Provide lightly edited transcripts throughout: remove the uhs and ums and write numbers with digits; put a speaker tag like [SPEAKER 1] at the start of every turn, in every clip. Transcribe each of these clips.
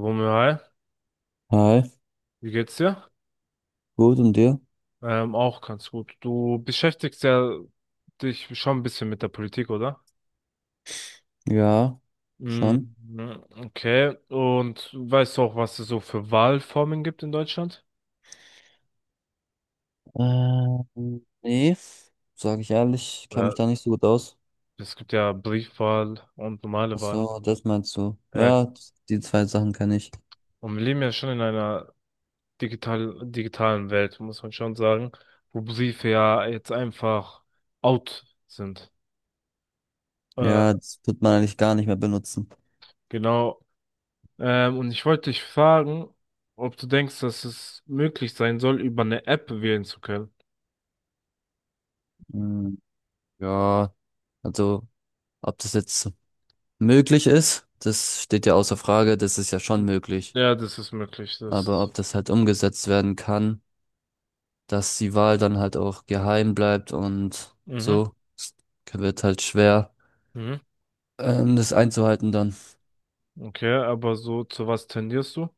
[SPEAKER 1] Romeo, hi,
[SPEAKER 2] Hi,
[SPEAKER 1] wie geht's dir?
[SPEAKER 2] gut und dir?
[SPEAKER 1] Auch ganz gut. Du beschäftigst ja dich schon ein bisschen mit der Politik, oder?
[SPEAKER 2] Ja, schon.
[SPEAKER 1] Mhm. Okay, und weißt du auch, was es so für Wahlformen gibt in Deutschland?
[SPEAKER 2] Nee, sage ich ehrlich, kenne
[SPEAKER 1] Ja.
[SPEAKER 2] mich da nicht so gut aus.
[SPEAKER 1] Es gibt ja Briefwahl und normale
[SPEAKER 2] Ach
[SPEAKER 1] Wahl.
[SPEAKER 2] so, das meinst du?
[SPEAKER 1] Ja.
[SPEAKER 2] Ja, die zwei Sachen kann ich.
[SPEAKER 1] Und wir leben ja schon in einer digitalen Welt, muss man schon sagen, wo Briefe ja jetzt einfach out sind. Äh,
[SPEAKER 2] Ja, das wird man eigentlich gar nicht mehr benutzen.
[SPEAKER 1] genau. Und ich wollte dich fragen, ob du denkst, dass es möglich sein soll, über eine App wählen zu können.
[SPEAKER 2] Hm, ja, also ob das jetzt möglich ist, das steht ja außer Frage, das ist ja schon möglich.
[SPEAKER 1] Ja, das ist möglich.
[SPEAKER 2] Aber
[SPEAKER 1] Das.
[SPEAKER 2] ob das halt umgesetzt werden kann, dass die Wahl dann halt auch geheim bleibt und
[SPEAKER 1] Mhm,
[SPEAKER 2] so, wird halt schwer.
[SPEAKER 1] mhm,
[SPEAKER 2] Das einzuhalten dann.
[SPEAKER 1] okay, aber so zu was tendierst du?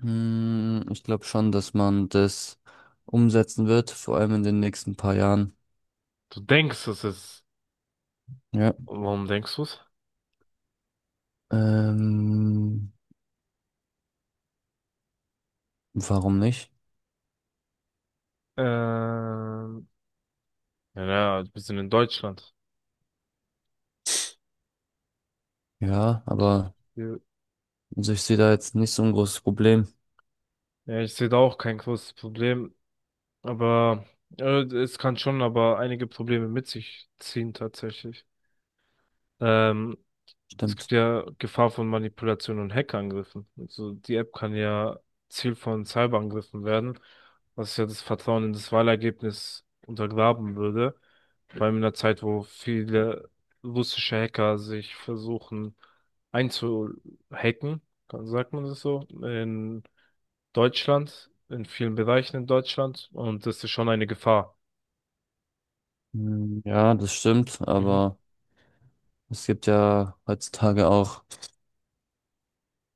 [SPEAKER 2] Hm, ich glaube schon, dass man das umsetzen wird, vor allem in den nächsten paar Jahren.
[SPEAKER 1] Du denkst, es ist.
[SPEAKER 2] Ja.
[SPEAKER 1] Warum denkst du es?
[SPEAKER 2] Ähm, Warum nicht?
[SPEAKER 1] Ähm, ja, ja, wir sind in Deutschland.
[SPEAKER 2] Ja,
[SPEAKER 1] Und
[SPEAKER 2] aber
[SPEAKER 1] hier,
[SPEAKER 2] also ich sehe da jetzt nicht so ein großes Problem.
[SPEAKER 1] ja, ich sehe da auch kein großes Problem, aber es kann schon aber einige Probleme mit sich ziehen tatsächlich. Ähm, Es gibt
[SPEAKER 2] Stimmt.
[SPEAKER 1] ja Gefahr von Manipulation und Hackerangriffen. Also die App kann ja Ziel von Cyberangriffen werden, was ja das Vertrauen in das Wahlergebnis untergraben würde. Vor allem in einer Zeit, wo viele russische Hacker sich versuchen einzuhacken, sagt man das so, in Deutschland, in vielen Bereichen in Deutschland. Und das ist schon eine Gefahr.
[SPEAKER 2] Hm, ja, das stimmt,
[SPEAKER 1] Mhm.
[SPEAKER 2] aber es gibt ja heutzutage auch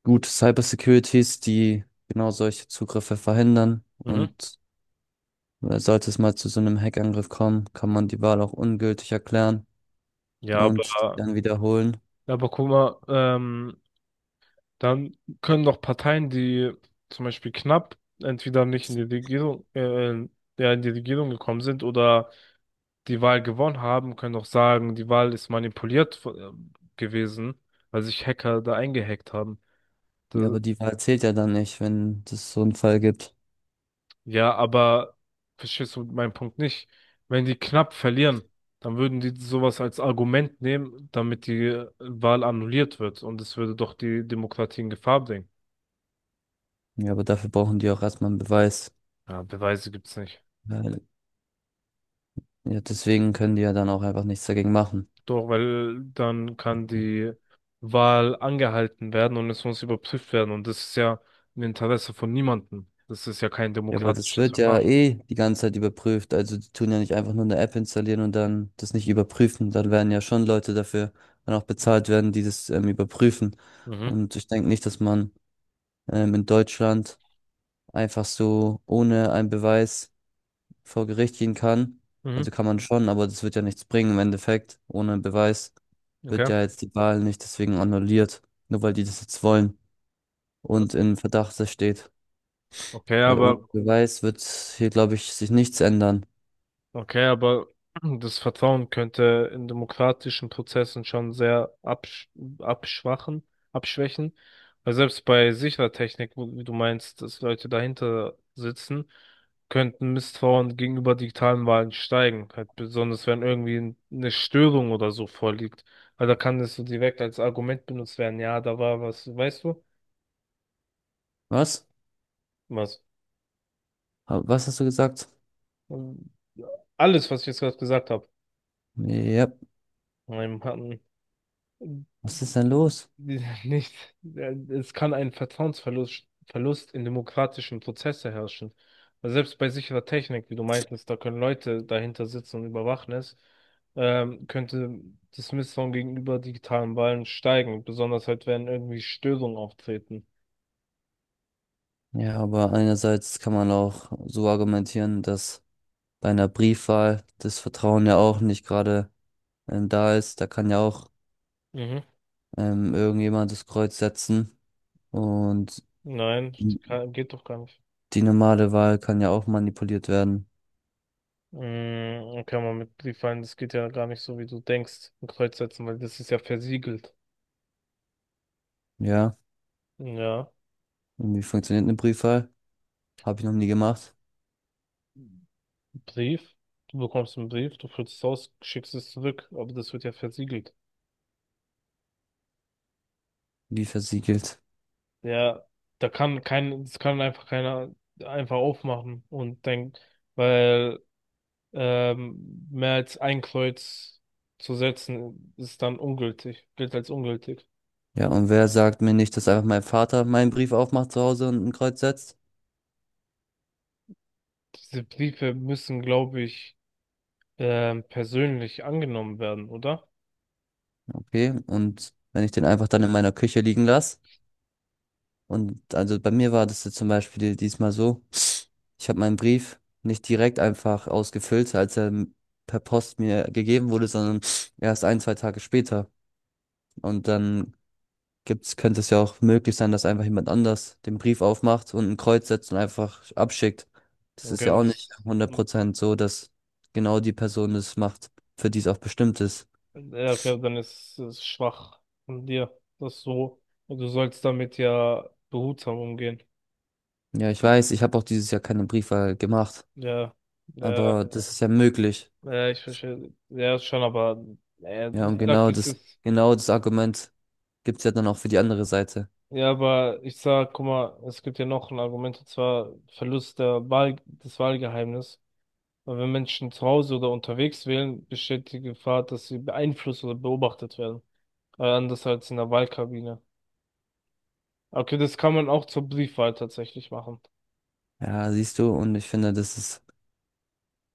[SPEAKER 2] gute Cybersecurities, die genau solche Zugriffe verhindern
[SPEAKER 1] Mhm.
[SPEAKER 2] und sollte es mal zu so einem Hackangriff kommen, kann man die Wahl auch ungültig erklären
[SPEAKER 1] Ja,
[SPEAKER 2] und die dann wiederholen.
[SPEAKER 1] aber guck mal, dann können doch Parteien, die zum Beispiel knapp entweder nicht in die Regierung, ja, in die Regierung gekommen sind oder die Wahl gewonnen haben, können doch sagen, die Wahl ist manipuliert gewesen, weil sich Hacker da eingehackt haben.
[SPEAKER 2] Ja,
[SPEAKER 1] Da-
[SPEAKER 2] aber die Wahl zählt ja dann nicht, wenn es so einen Fall gibt.
[SPEAKER 1] ja, aber verstehst du meinen Punkt nicht? Wenn die knapp verlieren, dann würden die sowas als Argument nehmen, damit die Wahl annulliert wird und es würde doch die Demokratie in Gefahr bringen.
[SPEAKER 2] Ja, aber dafür brauchen die auch erstmal einen Beweis.
[SPEAKER 1] Ja, Beweise gibt's nicht.
[SPEAKER 2] Weil, ja, deswegen können die ja dann auch einfach nichts dagegen machen.
[SPEAKER 1] Doch, weil dann kann die Wahl angehalten werden und es muss überprüft werden. Und das ist ja im Interesse von niemandem. Das ist ja kein
[SPEAKER 2] Ja, aber das
[SPEAKER 1] demokratisches
[SPEAKER 2] wird ja
[SPEAKER 1] Verfahren.
[SPEAKER 2] eh die ganze Zeit überprüft. Also die tun ja nicht einfach nur eine App installieren und dann das nicht überprüfen. Dann werden ja schon Leute dafür dann auch bezahlt werden, die das überprüfen.
[SPEAKER 1] Mhm,
[SPEAKER 2] Und ich denke nicht, dass man in Deutschland einfach so ohne einen Beweis vor Gericht gehen kann.
[SPEAKER 1] mhm,
[SPEAKER 2] Also kann man schon, aber das wird ja nichts bringen im Endeffekt. Ohne Beweis wird
[SPEAKER 1] okay.
[SPEAKER 2] ja jetzt die Wahl nicht deswegen annulliert, nur weil die das jetzt wollen und in Verdacht das steht.
[SPEAKER 1] Okay,
[SPEAKER 2] Weil ohne
[SPEAKER 1] aber
[SPEAKER 2] Beweis wird hier, glaube ich, sich nichts ändern.
[SPEAKER 1] okay, aber das Vertrauen könnte in demokratischen Prozessen schon sehr abschwachen, abschwächen. Weil selbst bei sicherer Technik, wie du meinst, dass Leute dahinter sitzen, könnten Misstrauen gegenüber digitalen Wahlen steigen. Halt besonders wenn irgendwie eine Störung oder so vorliegt. Weil da kann das so direkt als Argument benutzt werden. Ja, da war was, weißt du?
[SPEAKER 2] Was?
[SPEAKER 1] Was?
[SPEAKER 2] Was hast du gesagt?
[SPEAKER 1] Ähm, Alles, was ich jetzt gerade gesagt habe.
[SPEAKER 2] Ja,
[SPEAKER 1] Ähm, hatten-
[SPEAKER 2] was ist denn los?
[SPEAKER 1] Ja, nicht, es kann ein Vertrauensverlust Verlust in demokratischen Prozesse herrschen. Weil selbst bei sicherer Technik, wie du meintest, da können Leute dahinter sitzen und überwachen es, könnte das Misstrauen gegenüber digitalen Wahlen steigen, besonders halt, wenn irgendwie Störungen auftreten.
[SPEAKER 2] Ja, aber einerseits kann man auch so argumentieren, dass bei einer Briefwahl das Vertrauen ja auch nicht gerade da ist. Da kann ja auch
[SPEAKER 1] Mhm.
[SPEAKER 2] irgendjemand das Kreuz setzen. Und
[SPEAKER 1] Nein,
[SPEAKER 2] Die
[SPEAKER 1] kann, geht doch gar nicht.
[SPEAKER 2] normale Wahl kann ja auch manipuliert werden.
[SPEAKER 1] Mm, kann man mit Briefwahlen, das geht ja gar nicht so, wie du denkst, ein Kreuz setzen, weil das ist ja versiegelt.
[SPEAKER 2] Ja.
[SPEAKER 1] Ja.
[SPEAKER 2] Und wie funktioniert eine Briefwahl? Habe ich noch nie gemacht.
[SPEAKER 1] Brief, du bekommst einen Brief, du füllst es aus, schickst es zurück, aber das wird ja versiegelt.
[SPEAKER 2] Wie versiegelt?
[SPEAKER 1] Ja, da kann kein, das kann einfach keiner einfach aufmachen und denkt, weil mehr als ein Kreuz zu setzen ist dann ungültig, gilt als ungültig.
[SPEAKER 2] Ja, und wer sagt mir nicht, dass einfach mein Vater meinen Brief aufmacht zu Hause und ein Kreuz setzt?
[SPEAKER 1] Diese Briefe müssen, glaube ich, persönlich angenommen werden, oder?
[SPEAKER 2] Okay. Und wenn ich den einfach dann in meiner Küche liegen lasse? Und also bei mir war das jetzt zum Beispiel diesmal so. Ich habe meinen Brief nicht direkt einfach ausgefüllt, als er per Post mir gegeben wurde, sondern erst ein, zwei Tage später. Und dann gibt's, könnte es ja auch möglich sein, dass einfach jemand anders den Brief aufmacht und ein Kreuz setzt und einfach abschickt. Das ist
[SPEAKER 1] Okay,
[SPEAKER 2] ja
[SPEAKER 1] aber
[SPEAKER 2] auch nicht
[SPEAKER 1] das,
[SPEAKER 2] 100% so, dass genau die Person es macht, für die es auch bestimmt ist.
[SPEAKER 1] ja, okay, dann ist es schwach von dir, das so. Und du sollst damit ja behutsam umgehen.
[SPEAKER 2] Ja, ich weiß, ich habe auch dieses Jahr keine Briefwahl gemacht,
[SPEAKER 1] Ja, ja,
[SPEAKER 2] aber das ist ja möglich.
[SPEAKER 1] ja, ich verstehe. Ja, schon, aber
[SPEAKER 2] Ja,
[SPEAKER 1] ich
[SPEAKER 2] und
[SPEAKER 1] sag, das ist.
[SPEAKER 2] genau das Argument gibt's ja dann auch für die andere Seite.
[SPEAKER 1] Ja, aber ich sag, guck mal, es gibt ja noch ein Argument, und zwar Verlust der Wahl, des Wahlgeheimnisses. Weil wenn Menschen zu Hause oder unterwegs wählen, besteht die Gefahr, dass sie beeinflusst oder beobachtet werden. Anders als in der Wahlkabine. Okay, das kann man auch zur Briefwahl tatsächlich machen.
[SPEAKER 2] Ja, siehst du, und ich finde, das ist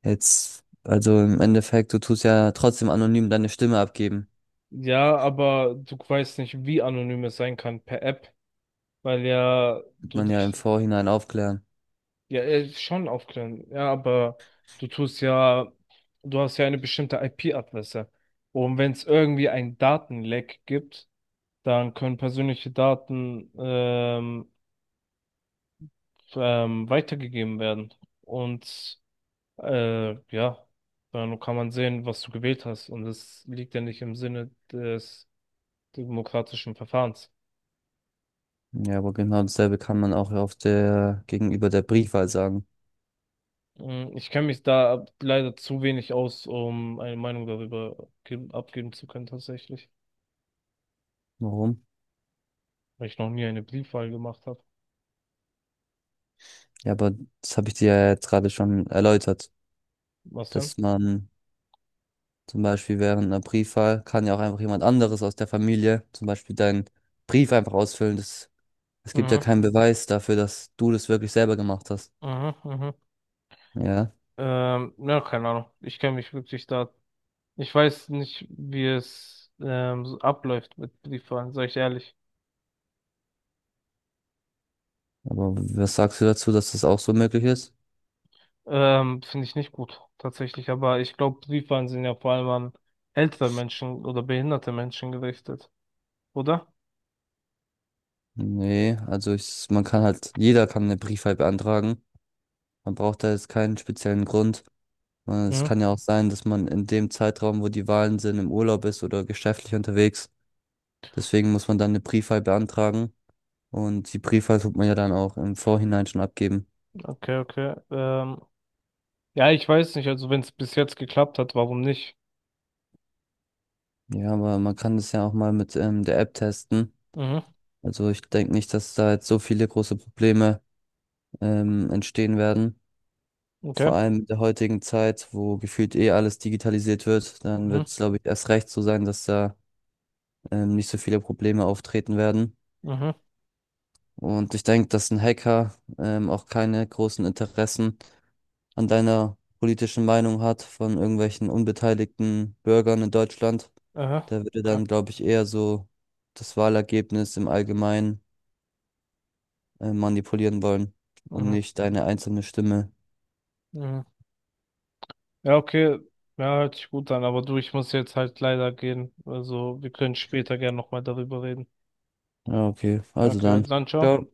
[SPEAKER 2] jetzt, also im Endeffekt, du tust ja trotzdem anonym deine Stimme abgeben.
[SPEAKER 1] Ja, aber du weißt nicht, wie anonym es sein kann per App, weil ja du
[SPEAKER 2] Man ja im
[SPEAKER 1] dich
[SPEAKER 2] Vorhinein aufklären.
[SPEAKER 1] ja schon aufklären. Ja, aber du tust ja, du hast ja eine bestimmte IP-Adresse. Und wenn es irgendwie ein Datenleck gibt, dann können persönliche Daten weitergegeben werden. Und ja, dann kann man sehen, was du gewählt hast. Und das liegt ja nicht im Sinne des demokratischen Verfahrens.
[SPEAKER 2] Ja, aber genau dasselbe kann man auch auf der, gegenüber der Briefwahl sagen.
[SPEAKER 1] Mm, ich kenne mich da leider zu wenig aus, um eine Meinung darüber abgeben zu können, tatsächlich.
[SPEAKER 2] Warum?
[SPEAKER 1] Weil ich noch nie eine Briefwahl gemacht habe.
[SPEAKER 2] Ja, aber das habe ich dir ja jetzt gerade schon erläutert,
[SPEAKER 1] Was denn?
[SPEAKER 2] dass man zum Beispiel während einer Briefwahl kann ja auch einfach jemand anderes aus der Familie zum Beispiel deinen Brief einfach ausfüllen. Das, es gibt ja
[SPEAKER 1] Mhm,
[SPEAKER 2] keinen Beweis dafür, dass du das wirklich selber gemacht hast.
[SPEAKER 1] mhm, mhm.
[SPEAKER 2] Ja,
[SPEAKER 1] Ja, keine Ahnung. Ich kenne mich wirklich da. Ich weiß nicht, wie es so abläuft mit Briefwahlen, sag ich ehrlich.
[SPEAKER 2] aber was sagst du dazu, dass das auch so möglich ist?
[SPEAKER 1] Finde ich nicht gut, tatsächlich. Aber ich glaube, Briefwahlen sind ja vor allem an ältere Menschen oder behinderte Menschen gerichtet, oder?
[SPEAKER 2] Nee, also ich, man kann halt, jeder kann eine Briefwahl beantragen. Man braucht da jetzt keinen speziellen Grund. Weil es
[SPEAKER 1] Mhm.
[SPEAKER 2] kann ja auch sein, dass man in dem Zeitraum, wo die Wahlen sind, im Urlaub ist oder geschäftlich unterwegs. Deswegen muss man dann eine Briefwahl beantragen. Und die Briefwahl tut man ja dann auch im Vorhinein schon abgeben.
[SPEAKER 1] Okay, okay. Ja, ich weiß nicht, also wenn es bis jetzt geklappt hat, warum nicht?
[SPEAKER 2] Ja, aber man kann das ja auch mal mit der App testen.
[SPEAKER 1] Mhm,
[SPEAKER 2] Also ich denke nicht, dass da jetzt so viele große Probleme entstehen werden.
[SPEAKER 1] okay.
[SPEAKER 2] Vor allem in der heutigen Zeit, wo gefühlt eh alles digitalisiert wird, dann
[SPEAKER 1] Mhm,
[SPEAKER 2] wird es, glaube ich, erst recht so sein, dass da nicht so viele Probleme auftreten werden.
[SPEAKER 1] mhm,
[SPEAKER 2] Und ich denke, dass ein Hacker auch keine großen Interessen an deiner politischen Meinung hat von irgendwelchen unbeteiligten Bürgern in Deutschland.
[SPEAKER 1] aha,
[SPEAKER 2] Der würde
[SPEAKER 1] okay.
[SPEAKER 2] dann, glaube ich, eher so das Wahlergebnis im Allgemeinen manipulieren wollen und
[SPEAKER 1] Mhm,
[SPEAKER 2] nicht deine einzelne Stimme.
[SPEAKER 1] mhm. Ja, okay. Ja, hört sich gut an, aber du, ich muss jetzt halt leider gehen. Also, wir können später gern nochmal darüber reden.
[SPEAKER 2] Ja, okay. Also
[SPEAKER 1] Okay,
[SPEAKER 2] dann.
[SPEAKER 1] dann ciao.
[SPEAKER 2] Ciao.